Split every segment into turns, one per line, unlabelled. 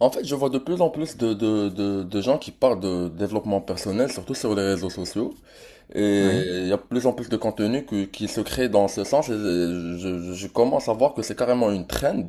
En fait, je vois de plus en plus de gens qui parlent de développement personnel, surtout sur les réseaux sociaux. Et
Oui.
il y a de plus en plus de contenu qui se crée dans ce sens. Et je commence à voir que c'est carrément une trend.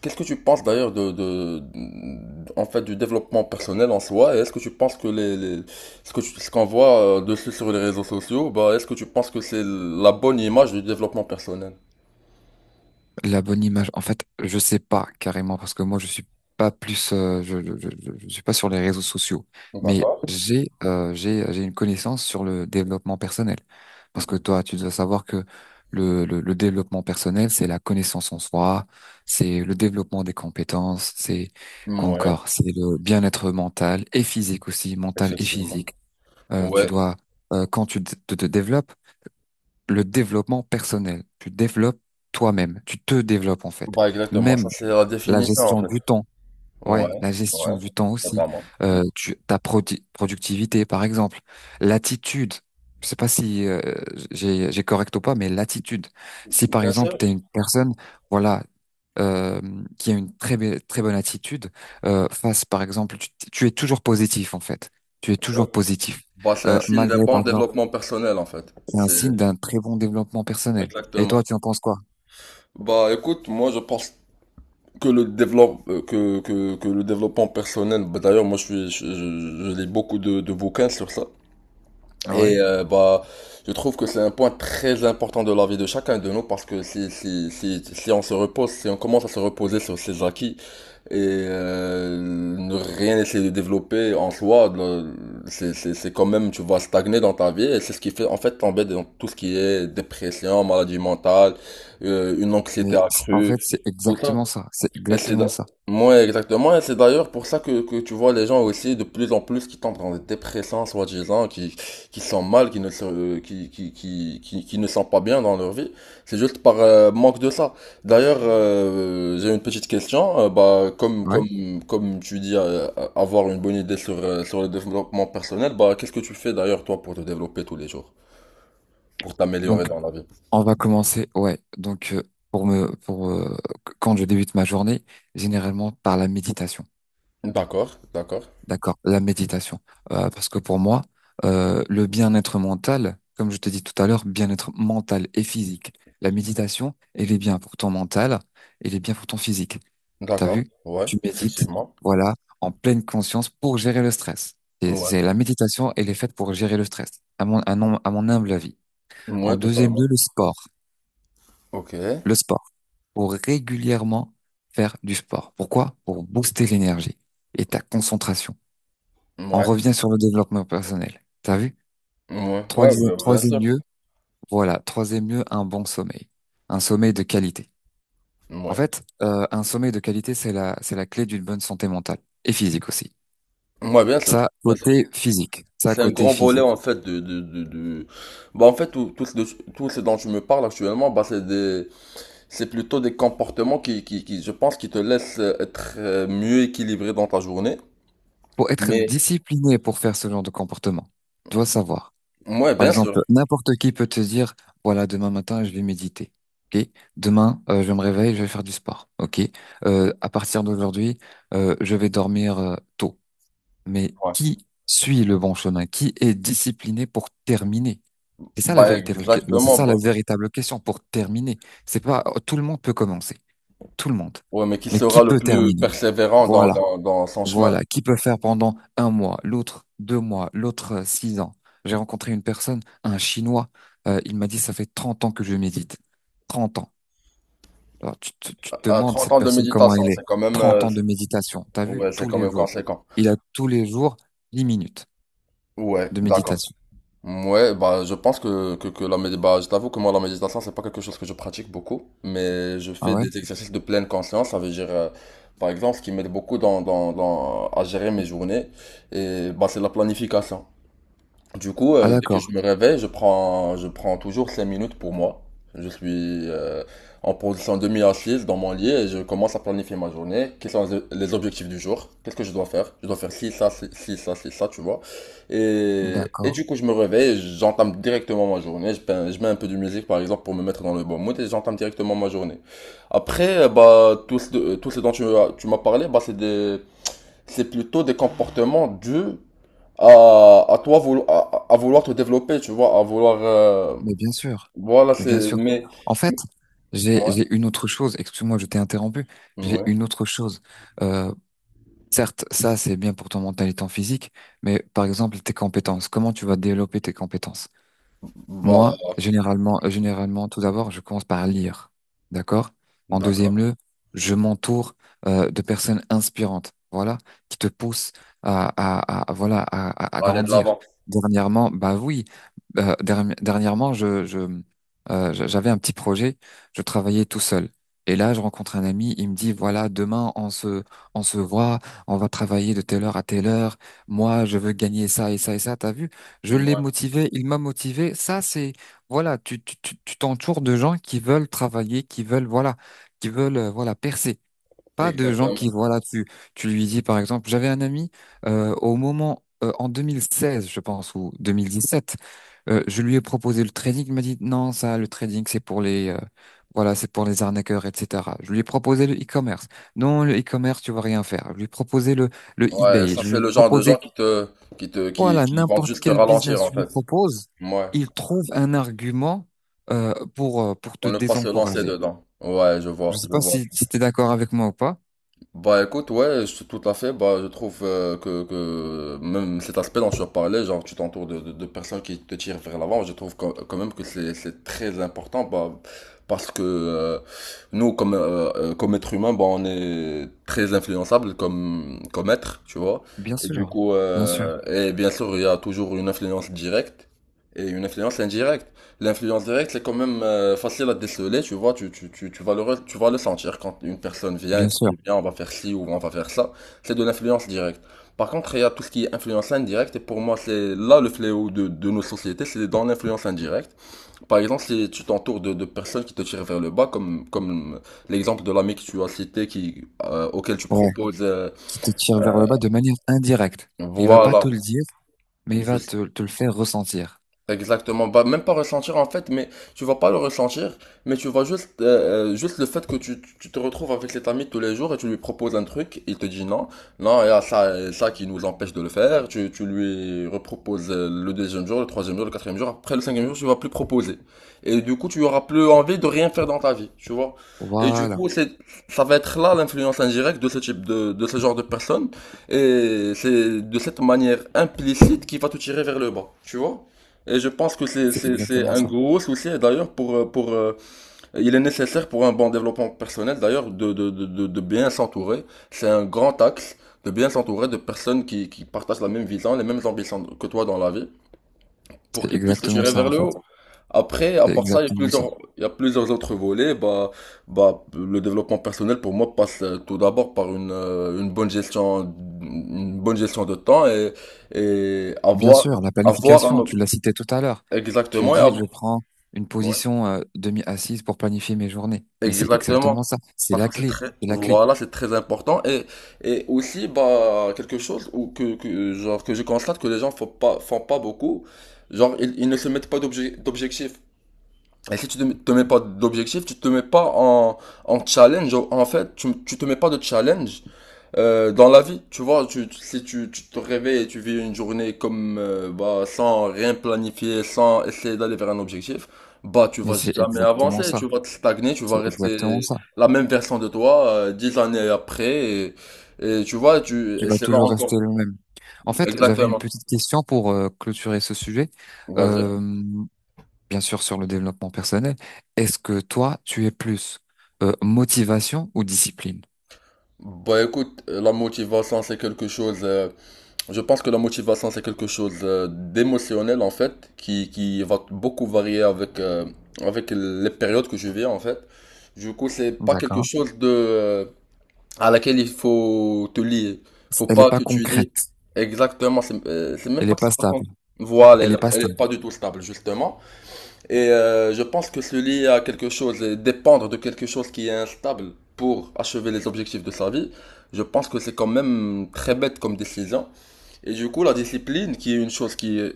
Qu'est-ce que tu penses d'ailleurs en fait, du développement personnel en soi? Et est-ce que tu penses que ce ce qu'on voit dessus sur les réseaux sociaux, bah, est-ce que tu penses que c'est la bonne image du développement personnel?
La bonne image. En fait, je sais pas carrément parce que moi je suis pas plus, je suis pas sur les réseaux sociaux. Mais
D'accord.
j'ai une connaissance sur le développement personnel. Parce que toi, tu dois savoir que le développement personnel, c'est la connaissance en soi, c'est le développement des compétences, c'est quoi
Ouais,
encore, c'est le bien-être mental et physique aussi, mental et
effectivement.
physique. Tu
Ouais,
dois, quand tu te développes le développement personnel. Tu développes toi-même. Tu te développes en fait.
bah exactement. Ça,
Même
c'est la
la
définition, en
gestion
fait.
du temps.
Ouais,
Ouais, la gestion
ouais,
du temps aussi.
totalement. Mm.
Tu, ta productivité, par exemple. L'attitude. Je sais pas si j'ai correct ou pas, mais l'attitude. Si par
Bien
exemple
sûr.
tu es une personne, voilà, euh, qui a une très bonne attitude face, par exemple, tu es toujours positif en fait. Tu es
Ouais.
toujours positif.
Bah, c'est un signe d'un
Malgré par
bon
exemple
développement personnel en fait.
c'est un
C'est
signe d'un très bon développement personnel. Et
exactement.
toi, tu en penses quoi?
Bah écoute, moi je pense que le développe que, que le développement personnel, bah, d'ailleurs moi je suis je lis beaucoup de bouquins sur ça
Ah
et
ouais?
bah je trouve que c'est un point très important de la vie de chacun de nous parce que si on se repose, si on commence à se reposer sur ses acquis et ne rien essayer de développer en soi, c'est quand même, tu vas stagner dans ta vie et c'est ce qui fait en fait tomber dans tout ce qui est dépression, maladie mentale, une
Mais
anxiété
c'est- en fait,
accrue,
c'est
tout ça.
exactement ça. C'est
Et
exactement ça.
moi exactement, et c'est d'ailleurs pour ça que tu vois les gens aussi de plus en plus qui tombent dans des dépressions soi-disant, qui sont mal, qui ne se, qui ne sont pas bien dans leur vie. C'est juste par manque de ça. D'ailleurs, j'ai une petite question. Bah,
Ouais.
comme tu dis, avoir une bonne idée sur, sur le développement personnel, bah, qu'est-ce que tu fais d'ailleurs toi pour te développer tous les jours, pour t'améliorer
Donc,
dans la vie?
on va commencer. Ouais. Donc, pour me, pour quand je débute ma journée, généralement par la méditation.
D'accord, d'accord,
D'accord. La méditation. Parce que pour moi, le bien-être mental, comme je te dis tout à l'heure, bien-être mental et physique. La méditation, elle est bien pour ton mental, elle est bien pour ton physique. T'as
d'accord.
vu?
Ouais,
Tu médites,
effectivement.
voilà, en pleine conscience pour gérer le stress. Et
Ouais.
c'est la méditation, elle est faite pour gérer le stress, à mon humble avis.
Ouais,
En deuxième
totalement.
lieu, le sport.
Ok. Ouais.
Le sport. Pour régulièrement faire du sport. Pourquoi? Pour booster l'énergie et ta concentration. On revient sur le développement personnel. T'as vu?
Ouais. Ouais, bah, bien
Troisième
sûr.
lieu, voilà, troisième lieu, un bon sommeil. Un sommeil de qualité. En
Ouais.
fait, un sommeil de qualité, c'est la clé d'une bonne santé mentale et physique aussi.
Ouais, bien sûr.
Ça,
Bien sûr.
côté physique. Ça,
C'est un
côté
grand volet en
physique.
fait Bah en fait tout ce dont je me parle actuellement, bah c'est plutôt des comportements qui je pense qui te laissent être mieux équilibré dans ta journée.
Pour être
Mais
discipliné pour faire ce genre de comportement, tu dois savoir.
ouais,
Par
bien sûr.
exemple, n'importe qui peut te dire, voilà, demain matin, je vais méditer. Ok? Demain, je me réveille, je vais faire du sport. Ok? À partir d'aujourd'hui, je vais dormir tôt. Mais
Ouais.
qui suit le bon chemin? Qui est discipliné pour terminer? C'est ça la
Bah
c'est
exactement,
ça la
bah.
véritable question pour terminer. C'est pas, tout le monde peut commencer. Tout le monde.
Ouais, mais qui
Mais qui
sera le
peut
plus
terminer?
persévérant
Voilà.
dans son chemin?
Voilà, qui peut faire pendant un mois, l'autre 2 mois, l'autre 6 ans. J'ai rencontré une personne, un Chinois, il m'a dit, ça fait 30 ans que je médite. 30 ans. Alors, tu te
À
demandes
30
cette
ans de
personne comment
méditation,
elle est.
c'est quand même
30 ans de méditation, t'as vu?
ouais, c'est
Tous
quand
les
même
jours.
conséquent.
Il a tous les jours 10 minutes
Ouais,
de
d'accord.
méditation.
Ouais, bah, je pense que la méditation, bah, je t'avoue que moi, la méditation, c'est pas quelque chose que je pratique beaucoup, mais je
Ah
fais
ouais?
des exercices de pleine conscience, ça veut dire, par exemple, ce qui m'aide beaucoup à gérer mes journées, et bah, c'est la planification. Du coup,
Ah
dès que
d'accord,
je me réveille, je prends toujours 5 minutes pour moi. Je suis en position demi-assise dans mon lit et je commence à planifier ma journée. Quels sont les objectifs du jour? Qu'est-ce que je dois faire? Je dois faire ci, ça, tu vois. Et
d'accord.
du coup, je me réveille, j'entame directement ma journée. Je mets un peu de musique, par exemple, pour me mettre dans le bon mood et j'entame directement ma journée. Après, bah, tout ce dont tu m'as parlé, bah, c'est des, c'est plutôt des comportements dus à toi à vouloir te développer, tu vois, à vouloir
Mais bien sûr,
voilà
mais bien
c'est
sûr.
mais
En fait,
ouais
j'ai une autre chose, excuse-moi, je t'ai interrompu, j'ai
ouais
une autre chose. Euh, Certes, ça c'est bien pour ton mental et ton physique, mais par exemple tes compétences, comment tu vas développer tes compétences? Moi,
bah
généralement, généralement, tout d'abord, je commence par lire, d'accord? En deuxième
d'accord
lieu, je m'entoure de personnes inspirantes, voilà, qui te poussent voilà, à
aller de
grandir.
l'avant
Dernièrement, bah oui, dernièrement, j'avais un petit projet, je travaillais tout seul. Et là, je rencontre un ami, il me dit, voilà, demain, on se voit, on va travailler de telle heure à telle heure. Moi, je veux gagner ça et ça et ça. T'as vu? Je l'ai
ouais
motivé, il m'a motivé. Ça, c'est, voilà, tu t'entoures de gens qui veulent travailler, qui veulent, voilà, percer. Pas de gens
exactement
qui, voilà, tu lui dis, par exemple, j'avais un ami, au moment, en 2016, je pense, ou 2017, je lui ai proposé le trading. Il m'a dit, non, ça, le trading, c'est pour voilà, c'est pour les arnaqueurs, etc. Je lui ai proposé le e-commerce. Non, le e-commerce, tu vas rien faire. Je lui ai proposé le
ouais
eBay.
ça
Je lui
c'est
ai
le genre de gens
proposé
qui te
voilà,
qui vont
n'importe
juste te
quel business
ralentir en
tu lui
fait
propose,
ouais
il trouve un argument pour
on
te
ne pas se lancer
désencourager.
dedans ouais
Je ne sais
je
pas
vois.
si, si tu es d'accord avec moi ou pas.
Bah écoute, ouais, tout à fait. Bah je trouve que même cet aspect dont tu as parlé genre tu t'entoures de personnes qui te tirent vers l'avant, je trouve quand même que c'est très important, bah parce que nous comme comme être humain, bah on est très influençable comme être, tu vois.
Bien
Et du
sûr,
coup,
bien sûr,
et bien sûr, il y a toujours une influence directe et une influence indirecte. L'influence directe, c'est quand même facile à déceler, tu vois, tu vas tu vas le sentir quand une personne vient et
bien
te
sûr.
dit, viens, on va faire ci ou on va faire ça. C'est de l'influence directe. Par contre, il y a tout ce qui est influence indirecte, et pour moi, c'est là le fléau de nos sociétés, c'est dans l'influence indirecte. Par exemple, si tu t'entoures de personnes qui te tirent vers le bas, comme l'exemple de l'ami que tu as cité, qui, auquel tu
Ouais.
proposes,
Qui te tire vers
euh,
le bas de manière indirecte. Il va pas te
voilà,
le dire, mais il
je.
va te le faire ressentir.
Exactement, bah même pas ressentir en fait, mais tu vas pas le ressentir, mais tu vas juste juste le fait que tu te retrouves avec cet ami tous les jours et tu lui proposes un truc, il te dit non, non, il y a ça et ça qui nous empêche de le faire, tu lui reproposes le deuxième jour, le troisième jour, le quatrième jour, après le cinquième jour, tu vas plus proposer. Et du coup, tu auras plus envie de rien faire dans ta vie, tu vois. Et du
Voilà,
coup, c'est ça va être là l'influence indirecte de ce type de ce genre de personne et c'est de cette manière implicite qui va te tirer vers le bas, tu vois. Et je pense que
c'est
c'est
exactement
un
ça.
gros souci, et d'ailleurs, pour, il est nécessaire pour un bon développement personnel, d'ailleurs, de bien s'entourer. C'est un grand axe de bien s'entourer de personnes qui partagent la même vision, les mêmes ambitions que toi dans la vie, pour
C'est
qu'ils puissent te
exactement
tirer
ça
vers
en
le
fait.
haut. Après, à
C'est
part ça,
exactement ça.
il y a plusieurs autres volets. Bah, le développement personnel, pour moi, passe tout d'abord par une bonne gestion de temps et
Bien
avoir,
sûr, la
avoir
planification, tu l'as cité tout à l'heure. Tu as
exactement, et
dit, je prends une
ouais,
position demi-assise pour planifier mes journées. Mais c'est
exactement.
exactement ça. C'est
Parce
la
que c'est
clé.
très,
C'est la clé.
voilà, c'est très important. Et aussi, bah, quelque chose où genre, que je constate que les gens font pas beaucoup. Genre, ils ne se mettent pas d'objectifs. Et si te mets pas d'objectifs, tu te mets pas en, en challenge. En fait, tu te mets pas de challenge. Dans la vie, tu vois, si tu, tu te réveilles et tu vis une journée comme bah, sans rien planifier, sans essayer d'aller vers un objectif, bah tu
Mais
vas
c'est
jamais
exactement
avancer,
ça.
tu vas te stagner, tu vas
C'est exactement
rester
ça.
la même version de toi dix années après et tu vois, tu
Tu
et
vas
c'est là
toujours
encore
rester le même. En fait, j'avais une
exactement.
petite question pour clôturer ce sujet.
Vas-y.
Euh, bien sûr, sur le développement personnel. Est-ce que toi, tu es plus motivation ou discipline?
Bah écoute, la motivation c'est quelque chose. Je pense que la motivation, c'est quelque chose d'émotionnel en fait, qui va beaucoup varier avec, avec les périodes que je vis en fait. Du coup, c'est pas quelque
D'accord.
chose à laquelle il faut te lier. Faut
Elle n'est
pas
pas
que tu lies.
concrète.
Exactement, c'est même
Elle n'est
pas que
pas
c'est pas con-
stable.
voilà,
Elle n'est
elle,
pas
elle
stable.
est pas du tout stable justement. Et je pense que se lier à quelque chose et dépendre de quelque chose qui est instable pour achever les objectifs de sa vie, je pense que c'est quand même très bête comme décision. Et du coup, la discipline, qui est une chose qui est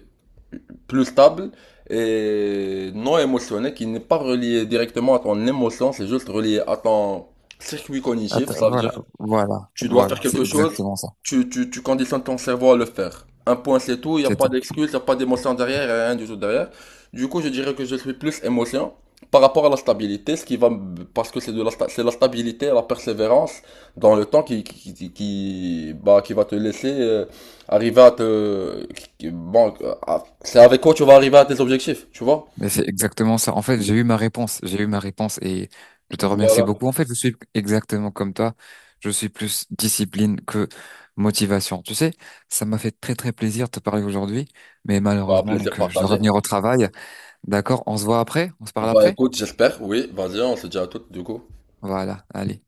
plus stable et non émotionnelle, qui n'est pas reliée directement à ton émotion, c'est juste relié à ton circuit cognitif.
Attends,
Ça veut
voilà,
dire
voilà,
tu dois faire
voilà, c'est
quelque chose,
exactement ça.
tu conditionnes ton cerveau à le faire. Un point, c'est tout, il n'y a
C'est
pas
ça.
d'excuse, il n'y a pas d'émotion derrière, il y a rien du tout derrière. Du coup, je dirais que je suis plus émotion par rapport à la stabilité, ce qui va, parce que c'est de la, c'est la stabilité, la persévérance dans le temps bah, qui va te laisser arriver à te, qui- bon, à- c'est avec quoi tu vas arriver à tes objectifs, tu vois?
Mais c'est exactement ça. En fait, j'ai eu ma réponse, j'ai eu ma réponse et je te remercie
Voilà,
beaucoup. En fait, je suis exactement comme toi. Je suis plus discipline que motivation. Tu sais, ça m'a fait très très plaisir de te parler aujourd'hui, mais
bah,
malheureusement,
plaisir
donc je dois
partagé.
revenir au travail. D'accord, on se voit après, on se parle
Bah
après.
écoute, j'espère, oui, vas-y, on se dit à toutes du coup.
Voilà, allez.